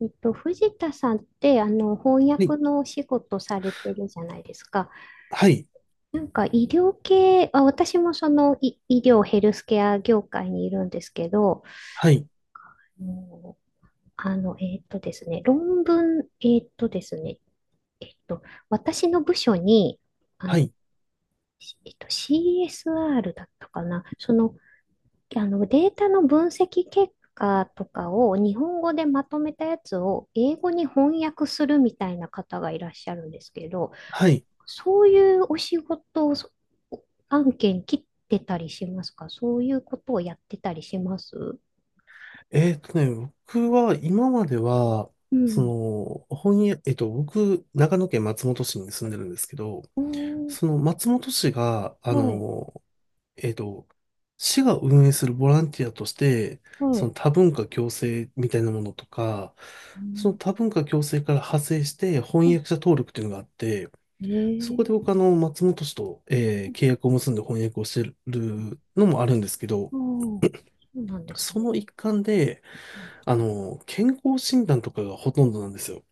藤田さんって、翻はい、訳のお仕事されてるじゃないですか。はい、なんか医療系、あ、私もその医療ヘルスケア業界にいるんですけど、はい、もうあの、えっとですね、論文、えっとですね、えっと、私の部署に、あはの、い、CSR だったかな、そのデータの分析結果とかを日本語でまとめたやつを英語に翻訳するみたいな方がいらっしゃるんですけど、はい。そういうお仕事をそ案件切ってたりしますか？そういうことをやってたりします？えーっとね、僕は今までは、うそん。の、本屋、えっと、僕、長野県松本市に住んでるんですけど、うん、その松本市が、はい、えっと、市が運営するボランティアとして、はそい。の多文化共生みたいなものとか、うそのん、多文化共生から派生して翻あ訳者登録っていうのがあって、そこで僕ええ松本市と、契約を結んで翻訳をしてるのもあるんですけど、ああ、そうなんですそね。の一環で、あの、健康診断とかがほとんどなんですよ。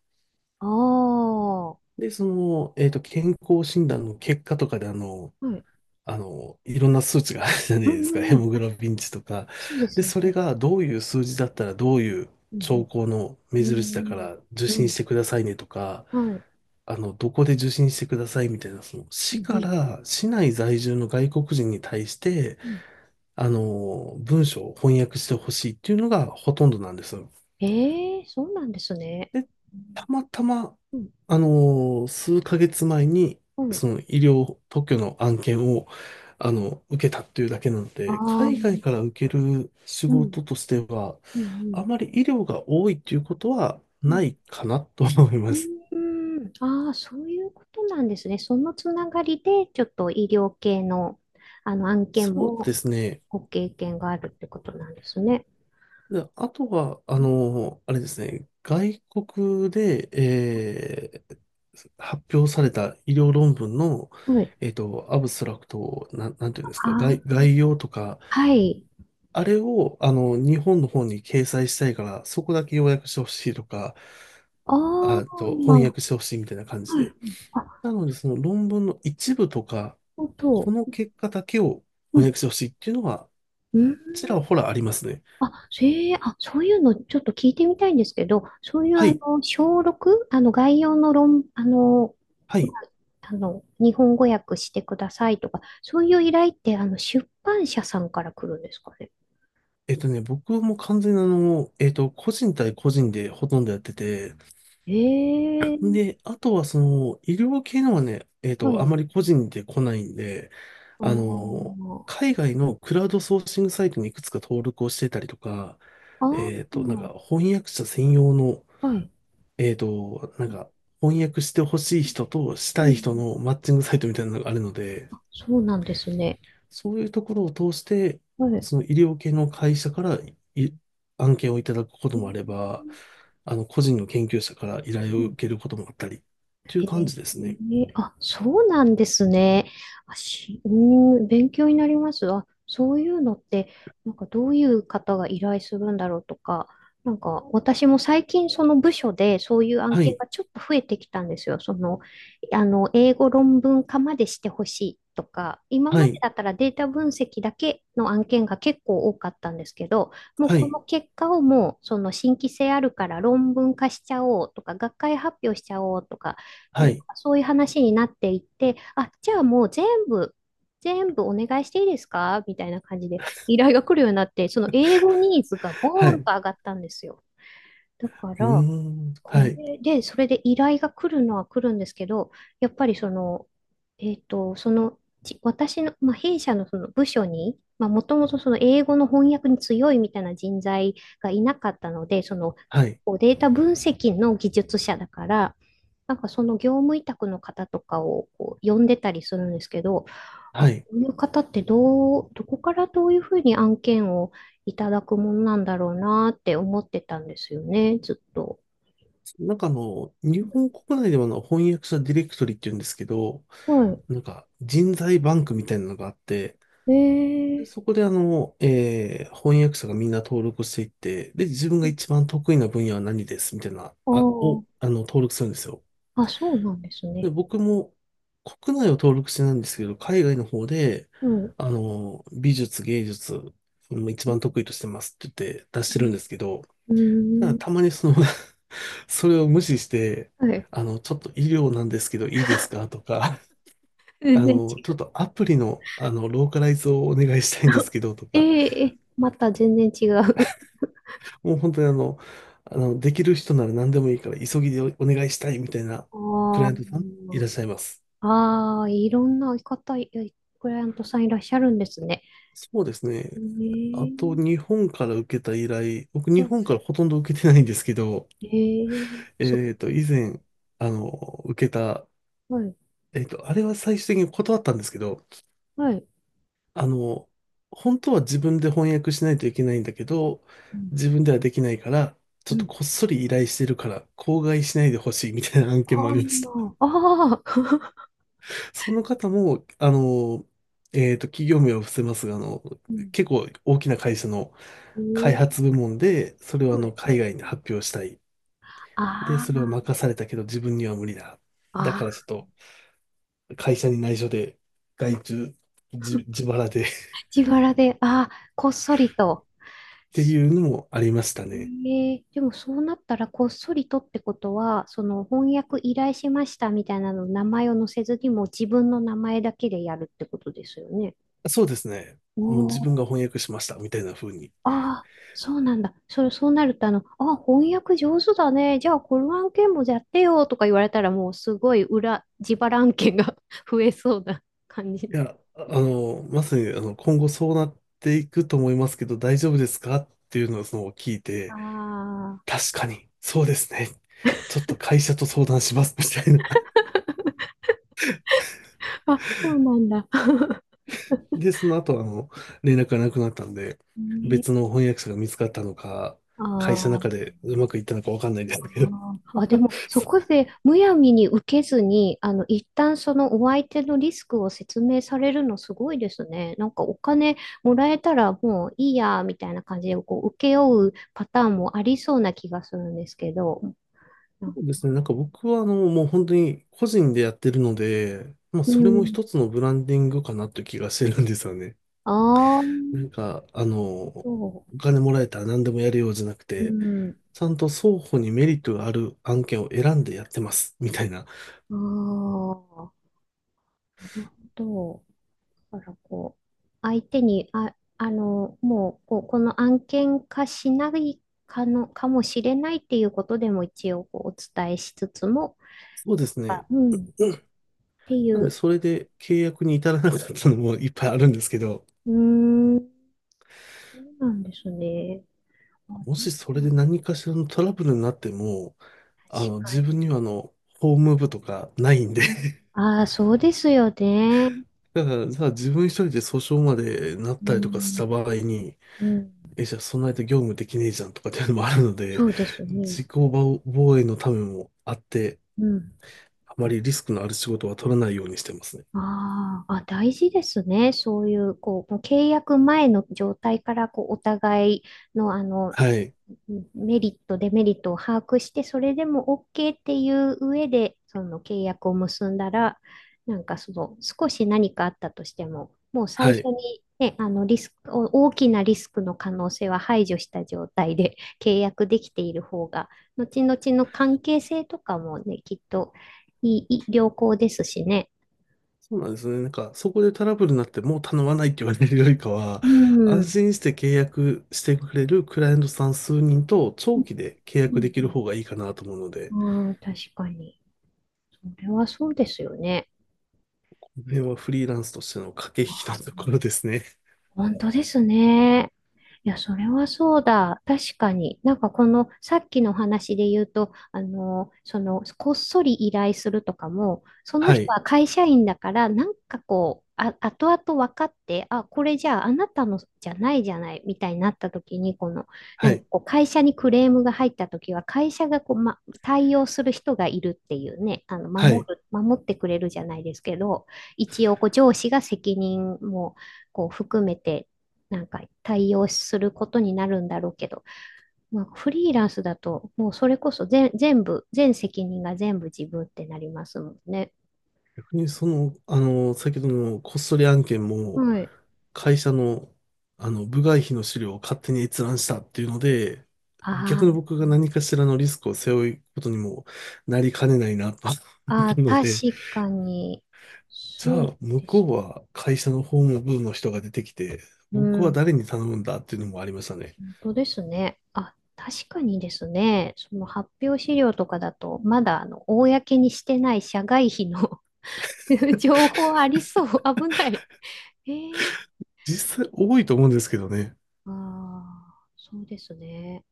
ああ、はで、健康診断の結果とかで、あの、い。うんあの、いろんな数値があるじゃないうですか。んヘうん。モグあ、ロビン値とか。そうですで、ね。それがどういう数字だったら、どういうう兆ん候の目うん。う印だかん。ら受う診しんてくださいねとか、はい。あの、どこで受診してくださいみたいな、その、う市んうかん。ら市内在住の外国人に対して、うん。あの、文章を翻訳してほしいっていうのがほとんどなんですよ。ええそうなんですね。で、うたまたま、ん。あの数ヶ月前に、うん。その医療特許の案件を、あの、受けたっていうだけなのあで、あ、う海外ん。から受ける仕うん事としては、うん。あまり医療が多いっていうことはうなん。いかなと思いまうす。ーん。ああ、そういうことなんですね。そのつながりで、ちょっと医療系の、あの案件そうでもすね。ご経験があるってことなんですね。で、あとは、あの、あれですね、外国で、発表された医療論文の、はい。えっと、アブストラクトを、なんていうあんですか、あ、概要とか、はい。あれを、あの、日本の方に掲載したいから、そこだけ要約してほしいとか、ああ、あと、翻は訳してほしいみたいな感じい。で。あ、なので、その論文の一部とか、本こ当。の結果だけをう翻ん。訳してほしいっていうのは、うんちらほらありますね。あ、それ、あ、そういうのちょっと聞いてみたいんですけど、そういうはい。小6、概要の論、あの、はまい。あ日本語訳してくださいとか、そういう依頼って、出版社さんから来るんですかね。僕も完全に個人対個人でほとんどやってて、ええで、あとはその、医療系のはね、えっうと、あん。まり個人で来ないんで、あの、あ海外のクラウドソーシングサイトにいくつか登録をしてたりとか、あ、あ翻訳者専用の、あ、はい。えっと、なんか翻訳してほしい人としうたい人ん。のマッチングサイトみたいなのがあるので、そうなんですね。そういうところを通して、はい。その医療系の会社からい案件をいただくこともあれうば、あの、個人の研究者から依頼をん受けることもあったり、というへ感えじですね。ーあ、そうなんですね。あ、うーん、勉強になります。あ、そういうのって、なんかどういう方が依頼するんだろうとか、なんか私も最近その部署でそういう案は件い、がちょっと増えてきたんですよ。その、英語論文化までしてほしいとか、今はまでい、だったらデータ分析だけの案件が結構多かったんですけど、もうはこい、の結果をもうその新規性あるから論文化しちゃおうとか、学会発表しちゃおうとか、なはんかい、そういう話になっていって、あ、じゃあもう全部、全部お願いしていいですかみたいな感じで依頼が来るようになって、その英語ニーズがはボい、ーンうと上がったんですよ。だかーら、ん、はこい、れで、それで依頼が来るのは来るんですけど、やっぱりその、私の、弊社のその部署に、もともとその英語の翻訳に強いみたいな人材がいなかったので、その、はい、こうデータ分析の技術者だから、なんかその業務委託の方とかをこう呼んでたりするんですけど、あ、はこい。ういう方ってどこからどういうふうに案件をいただくもんなんだろうなって思ってたんですよね、ずっと。なんかあの、日本国内では翻訳者ディレクトリっていうんですけど、はなんか人材バンクみたいなのがあって、い。で、えそこであの、翻訳者がみんな登録していって、で、自分がー、一番得意な分野は何ですみたいな、あーあの、登録するんですよ。あ、そうなんですで、ね。僕も国内を登録してないんですけど、海外の方で、うん。うあの、美術、芸術、うん一番得意としてますって言って出してるんですけど、ーただん。たまにその それを無視して、はい。あの、ちょっと医療なんですけどいいですかとか、あ全然違の、ちょっう。とアプリの、あの、ローカライズをお願いしたいんです けどとえか、ええまた全然違う。もう本当にあの、あの、できる人なら何でもいいから急ぎでお願いしたいみたいな クラあイアントさんいーらっしゃいます。あー、いろんな方、クライアントさんいらっしゃるんですね。そうですね。えあと、ー、日本から受けた依頼、僕、う日ん本からほとんど受けてないんですけど、えー、えっと、以前、あの、受けた、はい、えっと、あれは最終的に断ったんですけど、はい。あの、本当は自分で翻訳しないといけないんだけど、うん、自分ではできないから、ちうょっとん。こっそり依頼してるから、口外しないでほしいみたいな案件もああーりました。まあ、あー、その方も、企業名は伏せますが、あの、結 構大きな会社のえ開ー、発部門で、それをあはの、い。海外に発表したい。あで、それをー任されたけど、自分には無理だ。だからちょあっと、会社に内緒で、外注、自腹で っー、自腹で、ああ、こっそりと。ていうのもありましたね。ええでもそうなったら、こっそりとってことは、その翻訳依頼しましたみたいなの、名前を載せずにもう自分の名前だけでやるってことですよね。そうですね。もうお自ー、分が翻訳しました、みたいな風に。いああ、そうなんだ。そうなると、あ翻訳上手だね。じゃあ、この案件もやってよとか言われたら、もうすごい自腹案件が 増えそうな感じ。や、あの、まさに、あの、今後そうなっていくと思いますけど、大丈夫ですかっていうのをその聞いて、あ確かに、そうですね。ちょっと会社と相談します、みたいな。あ、あ、そうなんだ。で、その後、あの、連絡がなくなったんで、ね別の翻訳者が見つかったのか、あ会社の中ーでうまくいったのかわかんないんであすけど。ー、あでも、そこでむやみに受けずに、一旦そのお相手のリスクを説明されるのすごいですね。なんかお金もらえたらもういいや、みたいな感じで、こう、請け負うパターンもありそうな気がするんですけど。そうですね。なんか僕は、あの、もう本当に個人でやってるので、まあ、うそれもん。一つのブランディングかなという気がしてるんですよね。ああ、なんか、あの、おそ金もらえたら何でもやるようじゃなくう。うて、ん。ちゃんと双方にメリットがある案件を選んでやってます、みたいな。ああ、なるほど。だからこう、相手に、あ、もう、こう、この案件化しないかの、かもしれないっていうことでも一応こうお伝えしつつも、そうですあね。うん、っていなんで、う、それで契約に至らなかったのもいっぱいあるんですけど、うーん、そうなんですね。あ、もでしそれでも、何かしらのトラブルになっても、あ確の、自か分にはあの、法務部とかないんで。 に。ああ、そうですよね。だから、じゃあ自分一人で訴訟までなっうたりとかしん、た場合に、うん、え、じゃあそんな間業務できねえじゃんとかっていうのもあるのそで、うですね。自己防防衛のためもあって、うん。あまりリスクのある仕事は取らないようにしてますね。あーあ、大事ですね。そういう、こう、もう契約前の状態から、こう、お互いの、はい。うんメリット、デメリットを把握して、それでも OK っていう上で、その契約を結んだら、なんかその少し何かあったとしても、もう最は初い。に、ね、あのリスク、大きなリスクの可能性は排除した状態で 契約できている方が、後々の関係性とかもね、きっといい、いい良好ですしね。そうなんですね。なんか、そこでトラブルになってもう頼まないって言われるよりかは、うん。う安ん心して契約してくれるクライアントさん数人と長期で契う約できるん方がいいかなと思うので、ああ、確かに。それはそうですよね。この辺はフリーランスとしての駆け引きのところですね。本当ですね。いや、それはそうだ。確かに。なんかこの、さっきの話で言うと、その、こっそり依頼するとかも、そ のは人い。は会社員だから、なんかこう、あ、後々分かって、あ、これじゃああなたのじゃないじゃない、みたいになった時に、この、なはんかい。こう、会社にクレームが入った時は、会社がこう、ま、対応する人がいるっていうね、はい。守ってくれるじゃないですけど、一応、こう、上司が責任も、こう含めてなんか対応することになるんだろうけど、まあ、フリーランスだともうそれこそ全部全責任が全部自分ってなりますもんね。逆にその、あの、先ほどのこっそり案件も、はい。会社の、あの、部外費の資料を勝手に閲覧したっていうので、あ逆にー僕が何かしらのリスクを背負うことにもなりかねないなと思っあたー、ので、確かにじゃそうあ、向でこすうね。は会社の法務部の人が出てきて、う僕はん、誰に頼むんだっていうのもありましたね。本当ですね。あ、確かにですね。その発表資料とかだと、まだあの公にしてない社外費の 情報ありそう。危ない。えー実際多いと思うんですけどね。ああ、そうですね。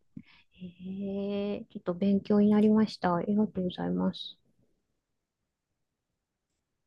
ええ、ちょっと勉強になりました。ありがとうございます。